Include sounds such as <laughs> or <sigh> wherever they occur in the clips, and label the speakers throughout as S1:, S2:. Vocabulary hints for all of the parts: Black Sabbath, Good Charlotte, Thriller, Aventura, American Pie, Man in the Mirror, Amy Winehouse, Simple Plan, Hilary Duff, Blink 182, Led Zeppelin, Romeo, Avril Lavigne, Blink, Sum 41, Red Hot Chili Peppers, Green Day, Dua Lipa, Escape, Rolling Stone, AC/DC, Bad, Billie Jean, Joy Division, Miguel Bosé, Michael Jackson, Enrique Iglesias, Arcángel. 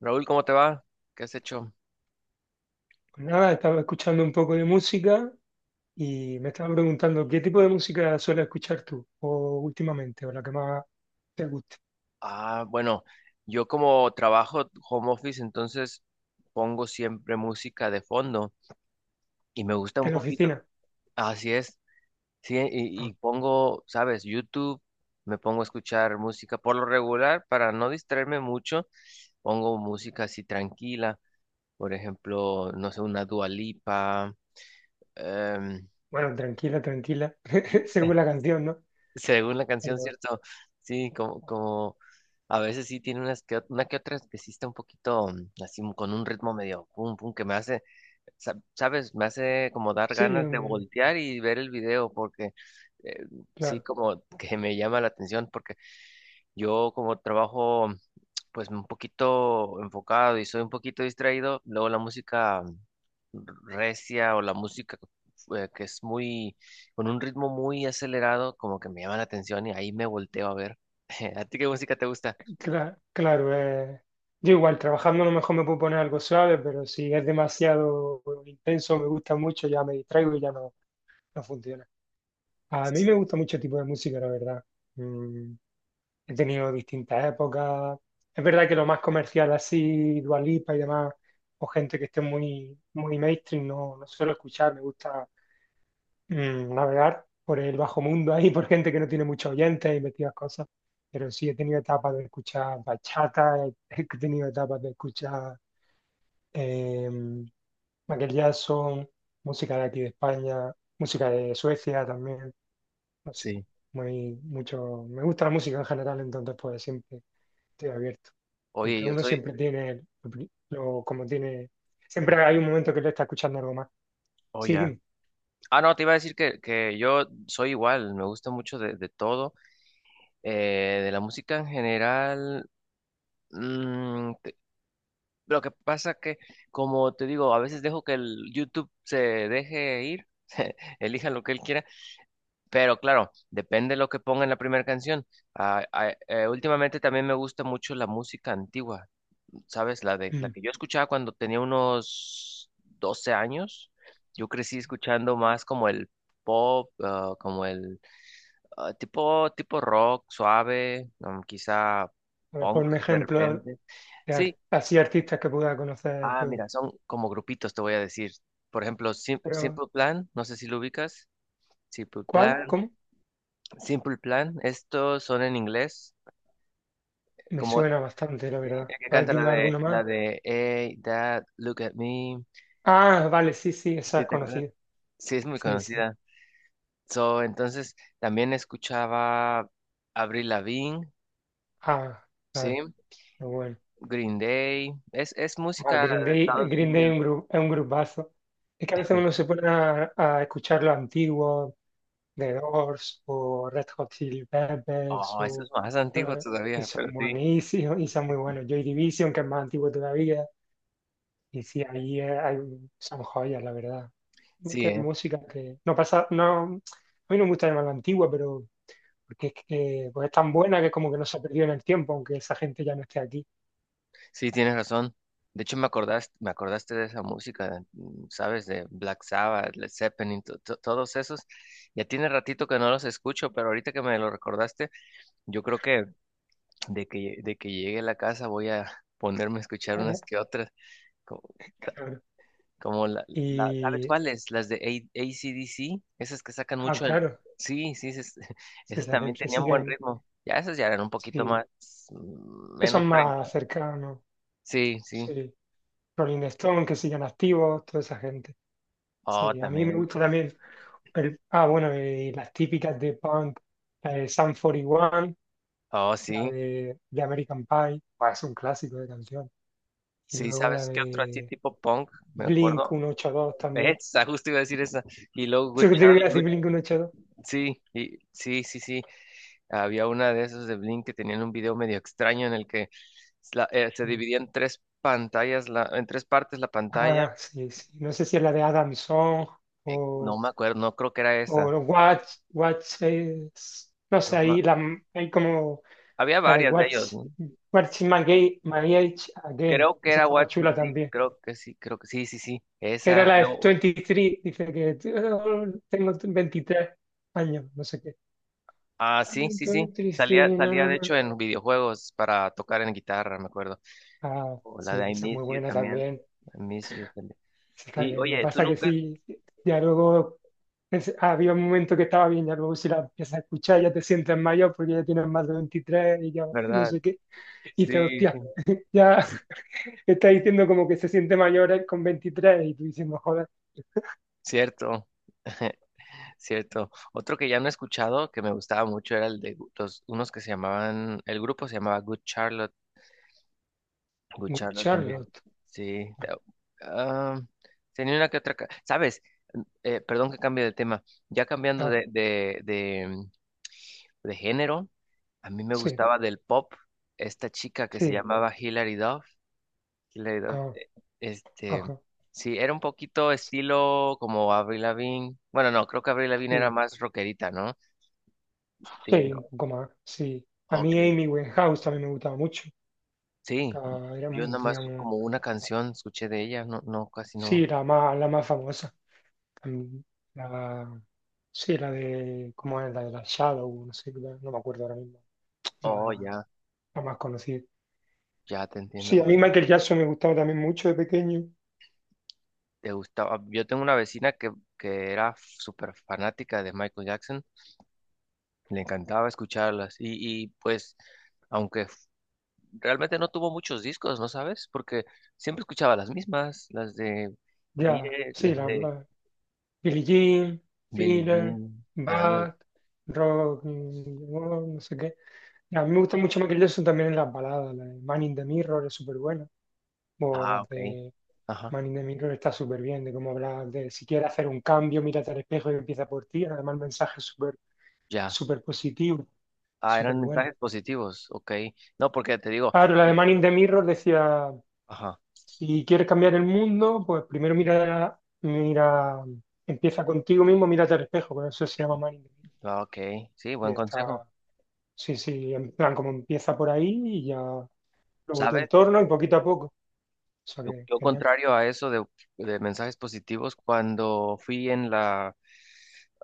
S1: Raúl, ¿cómo te va? ¿Qué has hecho?
S2: Pues nada, estaba escuchando un poco de música y me estaba preguntando qué tipo de música sueles escuchar tú, o últimamente, o la que más te guste.
S1: Ah, bueno, yo como trabajo home office, entonces pongo siempre música de fondo y me gusta un
S2: En la
S1: poquito.
S2: oficina.
S1: Así es, sí, y,
S2: Ah,
S1: y pongo, sabes, YouTube, me pongo a escuchar música por lo regular para no distraerme mucho, pongo música así tranquila, por ejemplo, no sé, una Dua Lipa. em,
S2: bueno, tranquila, tranquila, <laughs> según
S1: <laughs>
S2: la canción, ¿no?
S1: Según la canción,
S2: Pero
S1: ¿cierto? Sí, como a veces sí tiene unas que, una que otra que sí está un poquito, así, con un ritmo medio pum pum que me hace, ¿sabes? Me hace como dar
S2: sí,
S1: ganas de
S2: mm,
S1: voltear y ver el video porque, eh, sí,
S2: claro,
S1: como que me llama la atención porque yo como trabajo pues un poquito enfocado y soy un poquito distraído. Luego la música recia o la música, que es muy, con un ritmo muy acelerado, como que me llama la atención y ahí me volteo a ver. <laughs> ¿A ti qué música te gusta?
S2: claro. Yo igual, trabajando a lo mejor me puedo poner algo suave, pero si es demasiado intenso, me gusta mucho, ya me distraigo y ya no, no funciona. A mí me gusta mucho el tipo de música, la verdad. Mm. He tenido distintas épocas. Es verdad que lo más comercial así, Dua Lipa y demás, o gente que esté muy, muy mainstream, no, no suelo escuchar. Me gusta navegar por el bajo mundo ahí, <laughs> por gente que no tiene muchos oyentes y metidas cosas. Pero sí, he tenido etapas de escuchar bachata, <laughs> he tenido etapas de escuchar eh, Michael Jackson, música de aquí de España, música de Suecia también, no sé,
S1: Sí.
S2: muy, mucho. Me gusta la música en general, entonces pues siempre estoy abierto.
S1: Oye,
S2: Aunque
S1: yo
S2: uno
S1: soy,
S2: siempre tiene, como tiene, siempre hay un momento que le está escuchando algo más.
S1: oh,
S2: Sí,
S1: ya.
S2: dime.
S1: Ah, no, te iba a decir que, yo soy igual, me gusta mucho de todo, de la música en general. mm, Lo que pasa que, como te digo, a veces dejo que el YouTube se deje ir, <laughs> elija lo que él quiera, pero claro, depende de lo que ponga en la primera canción. Últimamente también me gusta mucho la música antigua, ¿sabes? La
S2: Mm.
S1: que yo escuchaba cuando tenía unos 12 años. Yo crecí escuchando más como el pop, como el, tipo rock suave, quizá
S2: A ver,
S1: punk
S2: ponme
S1: de
S2: ejemplo
S1: repente.
S2: de
S1: Sí.
S2: así artistas que pueda conocer
S1: Ah,
S2: yo.
S1: mira, son como grupitos, te voy a decir. Por ejemplo,
S2: Pero,
S1: Simple Plan, no sé si lo ubicas. Simple
S2: ¿cuál?
S1: Plan,
S2: ¿Cómo?
S1: Simple Plan, estos son en inglés,
S2: Me
S1: como sí,
S2: suena bastante, la verdad.
S1: el que
S2: A ver,
S1: canta la
S2: dime
S1: de
S2: alguno
S1: la
S2: más.
S1: de Hey, Dad, look at me.
S2: Ah, vale, sí, sí, esa
S1: Sí,
S2: es
S1: te acuerdas.
S2: conocida.
S1: Sí, es muy
S2: Sí, sí.
S1: conocida. So, entonces también escuchaba Avril Lavigne,
S2: Ah,
S1: sí,
S2: claro, muy bueno.
S1: Green Day. Es
S2: Ah,
S1: música
S2: Green
S1: de
S2: Day,
S1: Estados
S2: Green Day es
S1: Unidos.
S2: un es un grupazo. Es que a veces uno se pone a escuchar lo antiguo, The Doors o Red Hot Chili Peppers
S1: Oh, eso es más antiguo
S2: eh, y
S1: todavía, pero
S2: son
S1: sí.
S2: buenísimos y son muy buenos. Joy Division, que es más antiguo todavía, y sí, ahí hay, son joyas, la verdad.
S1: Sí,
S2: Qué
S1: ¿eh?
S2: música que no pasa. No, a mí no me gusta llamarla antigua, pero porque es que pues es tan buena que como que no se ha perdido en el tiempo, aunque esa gente ya no esté aquí.
S1: Sí, tienes razón. De hecho, me acordaste de esa música, mm, ¿sabes? De Black Sabbath, Led Zeppelin, todos esos. Ya tiene ratito que no los escucho, pero ahorita que me lo recordaste, yo creo que, de que llegue a la casa, voy a ponerme a escuchar unas que
S2: <laughs>
S1: otras. co-
S2: Claro.
S1: Como, ¿sabes
S2: Y,
S1: cuáles? Las de AC/DC, esas que sacan
S2: ah,
S1: mucho en.
S2: claro,
S1: Sí, sí, esas, <laughs>
S2: sí,
S1: esas
S2: esa
S1: también
S2: gente
S1: tenían buen
S2: siguen,
S1: ritmo. Ya esas ya eran un poquito más,
S2: sí, que son
S1: menos tranquilas.
S2: más cercanos,
S1: Sí, sí.
S2: sí. Rolling Stone, que siguen activos, toda esa gente.
S1: Oh,
S2: Sí, a mí me
S1: también.
S2: gusta también. Bueno, y las típicas de punk, la de Sum 41,
S1: Oh,
S2: la
S1: sí.
S2: de American Pie, bah, es un clásico de canción. Y
S1: Sí,
S2: luego la
S1: ¿sabes qué otro así
S2: de
S1: tipo punk? Me
S2: Blink
S1: acuerdo.
S2: 182
S1: <laughs>
S2: también.
S1: Esa, justo iba a decir esa. Y luego
S2: <laughs>
S1: Good
S2: ¿Tú qué te iba a
S1: Charlie.
S2: decir? Blink 182.
S1: Sí, sí, sí, sí. Había una de esos de Blink que tenían un video medio extraño en el que, se
S2: Sí.
S1: dividía en tres pantallas, en tres partes la pantalla.
S2: Ah, sí, sí. No sé si es la de Adam Song
S1: No
S2: o
S1: me acuerdo, no creo que era esa.
S2: no sé,
S1: No,
S2: ahí la, hay como
S1: había
S2: la de
S1: varias de ellos, ¿no?
S2: Watch My Age Again.
S1: Creo que
S2: Esa
S1: era
S2: estaba
S1: What,
S2: chula
S1: sí,
S2: también.
S1: creo que sí, creo que sí, sí, sí.
S2: Que Era
S1: Esa,
S2: la de
S1: luego,
S2: 23, dice que: "Oh, tengo 23 años, no sé qué".
S1: ah, sí,
S2: "I'm
S1: sí, sí. Salía,
S2: 23, na,
S1: salía
S2: na,
S1: de
S2: na".
S1: hecho en videojuegos para tocar en guitarra, me acuerdo.
S2: Ah,
S1: O la
S2: sí,
S1: de I
S2: esa es
S1: Miss
S2: muy
S1: You
S2: buena
S1: también.
S2: también.
S1: I Miss You también.
S2: Esa está
S1: Y
S2: bien. Lo que
S1: oye, tú
S2: pasa que
S1: nunca,
S2: sí, ya luego había un momento que estaba bien, ya luego si la empiezas a escuchar ya te sientes mayor porque ya tienes más de 23 y ya no
S1: ¿verdad?
S2: sé qué. Y dices,
S1: Sí, sí.
S2: hostia, ya <laughs> está diciendo como que se siente mayor con 23 y tú diciendo, joder.
S1: Cierto, <laughs> cierto. Otro que ya no he escuchado que me gustaba mucho era el de, unos que se llamaban, el grupo se llamaba Good Charlotte. Good Charlotte también.
S2: Charlotte.
S1: Sí, ah, tenía una que otra. ¿Sabes? Perdón que cambie de tema. Ya cambiando
S2: Ah,
S1: de, género, a mí me
S2: sí,
S1: gustaba del pop esta chica que se
S2: sí,
S1: llamaba Hilary Duff. Killer Dove.
S2: ah,
S1: Este,
S2: ajá.
S1: sí, era un poquito
S2: Sí.
S1: estilo como Avril Lavigne. Bueno, no, creo que Avril Lavigne era
S2: Sí,
S1: más rockerita, ¿no?
S2: sí,
S1: Sí, no.
S2: un poco más, sí. A
S1: Ok.
S2: mí Amy Winehouse también me gustaba mucho.
S1: Sí,
S2: Era, era
S1: yo
S2: mu-
S1: nada más
S2: tenía mu-
S1: como una canción escuché de ella, no, no, casi no.
S2: Sí, la más famosa. También, la- sí, la de, ¿cómo es? La de la Shadow, no sé, no me acuerdo ahora mismo.
S1: Oh,
S2: La,
S1: ya,
S2: la más conocida.
S1: ya te entiendo.
S2: Sí, a
S1: Ok.
S2: mí Michael Jackson me gustaba también mucho de pequeño.
S1: ¿Te gustaba? Yo tengo una vecina que era súper fanática de Michael Jackson. Le encantaba escucharlas. Y pues, aunque realmente no tuvo muchos discos, ¿no sabes? Porque siempre escuchaba las mismas, las de
S2: Ya,
S1: Vire,
S2: sí,
S1: las de
S2: Billie Jean,
S1: Billie
S2: Thriller,
S1: Jean. Ándale.
S2: Bad, Rock, no sé qué. A mí me gusta mucho Michael Jackson también en las baladas. La de Man in the Mirror es súper buena. O
S1: Ah,
S2: las
S1: ok.
S2: de
S1: Ajá,
S2: Man in the Mirror está súper bien, de cómo hablar de si quieres hacer un cambio, mírate al espejo y empieza por ti. Además, el mensaje es súper
S1: ya.
S2: súper positivo y
S1: Ah,
S2: súper
S1: eran
S2: bueno.
S1: mensajes positivos, ok. No, porque te digo,
S2: Claro, la de
S1: yo,
S2: Man in the Mirror decía,
S1: ajá,
S2: si quieres cambiar el mundo, pues primero mira, mira, empieza contigo mismo, mírate al espejo, por eso se llama Man in the Mirror.
S1: ah, ok, sí,
S2: Y
S1: buen consejo.
S2: está, sí, sí, en plan, como empieza por ahí y ya luego tu
S1: ¿Sabes?
S2: entorno y poquito a poco. O sea
S1: Yo,
S2: que,
S1: yo
S2: genial,
S1: contrario a eso de mensajes positivos, cuando fui en la.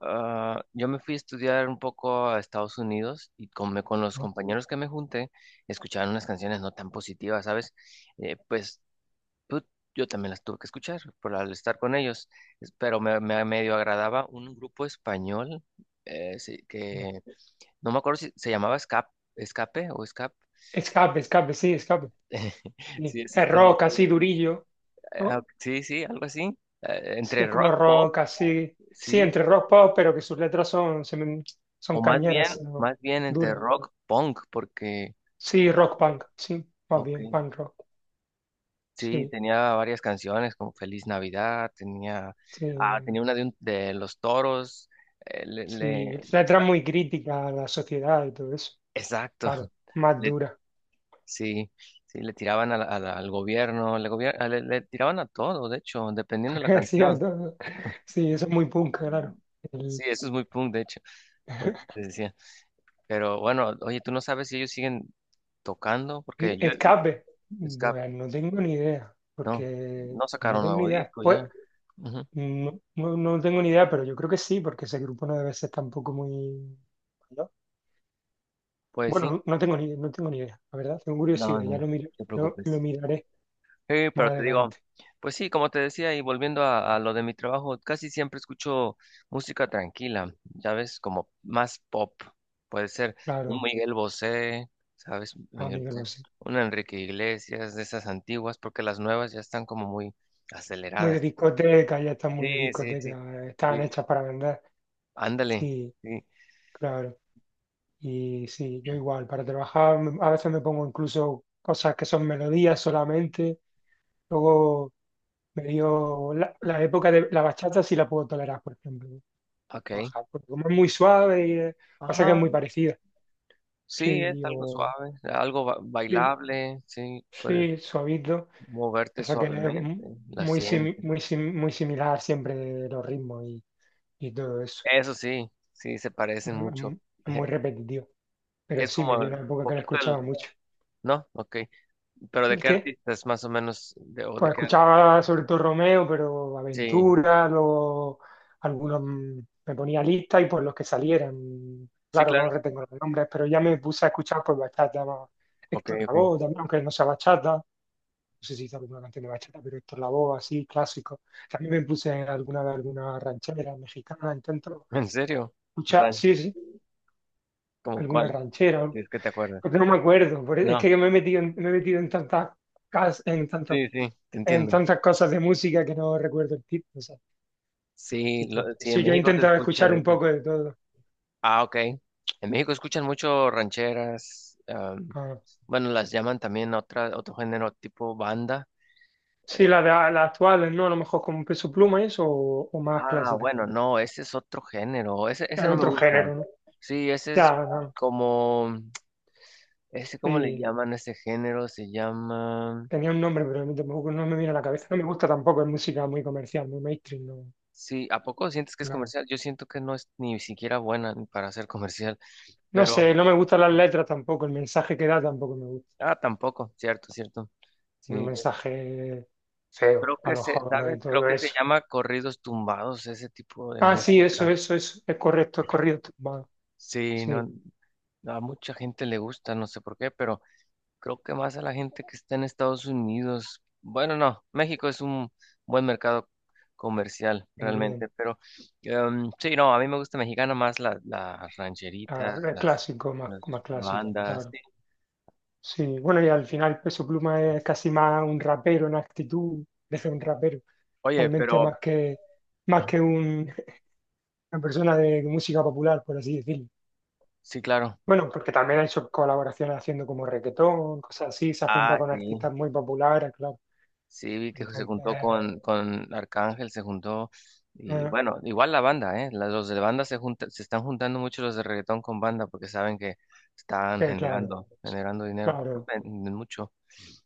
S1: Yo me fui a estudiar un poco a Estados Unidos y con los
S2: ¿no?
S1: compañeros que me junté, escuchaban unas canciones no tan positivas, ¿sabes? Pues, tú- yo también las tuve que escuchar por al estar con ellos. Pero me medio agradaba un grupo español, sí, que no me acuerdo si se llamaba Escape, Escape o Escape.
S2: Escape, escape.
S1: <laughs>
S2: Sí,
S1: Sí, eso
S2: es
S1: tenía.
S2: rock así durillo,
S1: Ah,
S2: ¿no?
S1: sí, sí, algo así.
S2: Sí,
S1: Entre
S2: es como
S1: rock pop,
S2: rock así, sí,
S1: sí.
S2: entre rock pop, pero que sus letras son, son
S1: O más bien,
S2: cañeras, ¿no?
S1: más bien entre
S2: Duras.
S1: rock punk, porque,
S2: Sí, rock punk, sí, más
S1: ok,
S2: bien, punk rock,
S1: sí,
S2: sí,
S1: tenía varias canciones como Feliz Navidad, tenía,
S2: sí,
S1: tenía una de Los Toros. eh, le,
S2: sí,
S1: le-
S2: letras
S1: ba-
S2: muy críticas a la sociedad y todo eso,
S1: exacto.
S2: claro,
S1: <laughs>
S2: más
S1: le-
S2: dura,
S1: sí, sí, le tiraban a al gobierno, le, gobier- ah, le tiraban a todo, de hecho, dependiendo de la
S2: <laughs> sí, a
S1: canción.
S2: todo. Sí, eso es muy punk, claro.
S1: Sí,
S2: El-
S1: eso es muy punk, de hecho, por eso
S2: <laughs>
S1: te decía. Pero bueno, oye, tú no sabes si ellos siguen tocando, porque yo,
S2: Escape,
S1: Scap,
S2: bueno, no tengo ni idea,
S1: no,
S2: porque
S1: no
S2: pues no
S1: sacaron
S2: tengo ni
S1: nuevo
S2: idea.
S1: disco
S2: Pues
S1: ya. Ujú.
S2: no, no, no tengo ni idea, pero yo creo que sí, porque ese grupo no debe ser tampoco muy mayor.
S1: Pues sí,
S2: Bueno, no tengo ni idea, la verdad. Tengo
S1: no, no,
S2: curiosidad, ya
S1: no
S2: lo, mir-
S1: te
S2: lo, lo
S1: preocupes.
S2: miraré
S1: Sí,
S2: más
S1: pero te digo,
S2: adelante.
S1: pues sí, como te decía, y volviendo a lo de mi trabajo, casi siempre escucho música tranquila, ya ves, como más pop. Puede ser un
S2: Claro,
S1: Miguel Bosé, ¿sabes? Miguel
S2: amigo,
S1: Bosé,
S2: lo sé.
S1: un Enrique Iglesias, de esas antiguas, porque las nuevas ya están como muy
S2: Muy de
S1: aceleradas.
S2: discoteca, ya están muy de
S1: Sí, sí, sí.
S2: discoteca. Están hechas para vender.
S1: Ándale,
S2: Sí,
S1: sí,
S2: claro. Y sí, yo igual, para trabajar a veces me pongo incluso cosas que son melodías solamente. Luego me dio la época de la bachata, sí la puedo tolerar, por ejemplo.
S1: ok.
S2: Trabajar, porque como es muy suave, y pasa que es
S1: Ajá,
S2: muy parecido.
S1: sí, es
S2: Sí,
S1: algo
S2: yo,
S1: suave, algo
S2: sí,
S1: bailable, sí, puedes
S2: sí, suavito,
S1: moverte
S2: pasa que es
S1: suavemente,
S2: mu-
S1: la
S2: muy, simi-
S1: sientes.
S2: muy, sim- muy similar siempre los ritmos y todo eso.
S1: Eso sí, sí, se
S2: Es
S1: parecen mucho.
S2: mu- es muy
S1: <laughs>
S2: repetitivo, pero
S1: Es
S2: sí, me
S1: como
S2: dio una
S1: el
S2: época que lo
S1: poquito
S2: escuchaba
S1: el,
S2: mucho.
S1: ¿no? Ok. Pero ¿de
S2: ¿El
S1: qué
S2: qué?
S1: artistas más o menos? De, ¿o de
S2: Pues
S1: qué?
S2: escuchaba sobre todo Romeo, pero
S1: Sí,
S2: Aventura, luego algunos, me ponía lista y pues los que salieran,
S1: sí,
S2: claro, no
S1: claro.
S2: retengo los nombres, pero ya me puse a escuchar pues bachata, ¿no?
S1: Ok,
S2: Héctor
S1: ok.
S2: Lavoe también, aunque no sea bachata, no sé si hizo alguna canción de bachata, pero Héctor Lavoe así, clásico. También me puse alguna de alguna ranchera mexicana, intento
S1: <laughs> ¿En serio?
S2: escuchar,
S1: Ray,
S2: sí, sí,
S1: ¿cómo
S2: alguna
S1: cuál?
S2: ranchera,
S1: Si es que te acuerdas.
S2: porque no me acuerdo, es
S1: No,
S2: que me he metido en tantas, cas- en tantos-
S1: sí, sí, te
S2: en
S1: entiendo.
S2: tantas cosas de música que no recuerdo el título, o sea, los
S1: Sí,
S2: títulos.
S1: sí, en
S2: Sí, yo he
S1: México se
S2: intentado
S1: escucha
S2: escuchar
S1: de
S2: un
S1: eso.
S2: poco de todo.
S1: Ah, ok. En México escuchan mucho rancheras. am,
S2: Ah,
S1: bueno, las llaman también otro género tipo banda.
S2: sí,
S1: Eh,
S2: las actuales, ¿no? A lo mejor con Peso Pluma y eso, o, más clásica.
S1: bueno, no, ese es otro género. Ese
S2: Es
S1: no me
S2: otro
S1: gusta.
S2: género, ¿no?
S1: Sí, ese es
S2: Ya, no,
S1: como, ese, ¿cómo le
S2: sí,
S1: llaman a ese género? Se llama.
S2: tenía un nombre, pero tampoco no me viene a la cabeza. No me gusta tampoco, es música muy comercial, muy mainstream, no,
S1: Sí, ¿a poco sientes que es
S2: no.
S1: comercial? Yo siento que no es ni siquiera buena ni para ser comercial,
S2: No
S1: pero.
S2: sé, no me gustan las letras tampoco, el mensaje que da tampoco me gusta.
S1: Ah, tampoco, cierto, cierto.
S2: Un
S1: Sí,
S2: mensaje
S1: creo
S2: feo
S1: que
S2: para los
S1: se,
S2: jóvenes y
S1: ¿sabes? Creo
S2: todo
S1: que se
S2: eso.
S1: llama corridos tumbados, ese tipo de
S2: Ah, sí,
S1: música.
S2: eso, eso, eso. Es correcto, es correcto. Va.
S1: Sí, no,
S2: Sí,
S1: a mucha gente le gusta, no sé por qué, pero creo que más a la gente que está en Estados Unidos. Bueno, no, México es un buen mercado comercial
S2: también.
S1: realmente, pero, sí, no, a mí me gusta mexicana más las
S2: Ah,
S1: rancheritas,
S2: es
S1: las,
S2: clásico, más,
S1: las
S2: más clásico,
S1: bandas.
S2: claro.
S1: Sí.
S2: Sí, bueno, y al final Peso Pluma es casi más un rapero en actitud, desde un rapero,
S1: Oye,
S2: realmente
S1: pero.
S2: más que una persona de música popular, por así decirlo.
S1: Sí, claro.
S2: Bueno, porque también ha hecho colaboraciones haciendo como reggaetón, cosas así, se ha juntado
S1: Ah,
S2: con
S1: sí.
S2: artistas muy populares, claro.
S1: Sí, vi que se
S2: Entonces,
S1: juntó con Arcángel, se juntó, y
S2: eh,
S1: bueno, igual la banda, ¿eh? Los de banda se están juntando mucho los de reggaetón con banda porque saben que están
S2: Sí, claro,
S1: generando dinero, porque
S2: claro,
S1: venden mucho.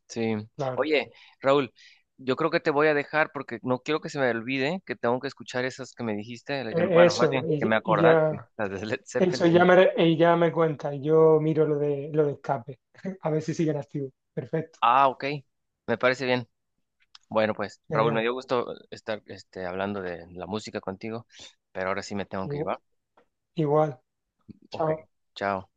S1: Sí.
S2: claro.
S1: Oye, Raúl, yo creo que te voy a dejar porque no quiero que se me olvide que tengo que escuchar esas que me dijiste, bueno, más
S2: Eso,
S1: bien que me
S2: y
S1: acordaste,
S2: ya,
S1: las de Led
S2: eso ya
S1: Zeppelin.
S2: me, y ya me cuenta, y yo miro lo de escape, <laughs> a ver si siguen activos. Perfecto,
S1: Ah, ok, me parece bien. Bueno, pues Raúl, me
S2: genial.
S1: dio gusto estar este, hablando de la música contigo, pero ahora sí me tengo que ir,
S2: Igu-
S1: ¿va?
S2: Igual,
S1: Ok,
S2: chao.
S1: chao.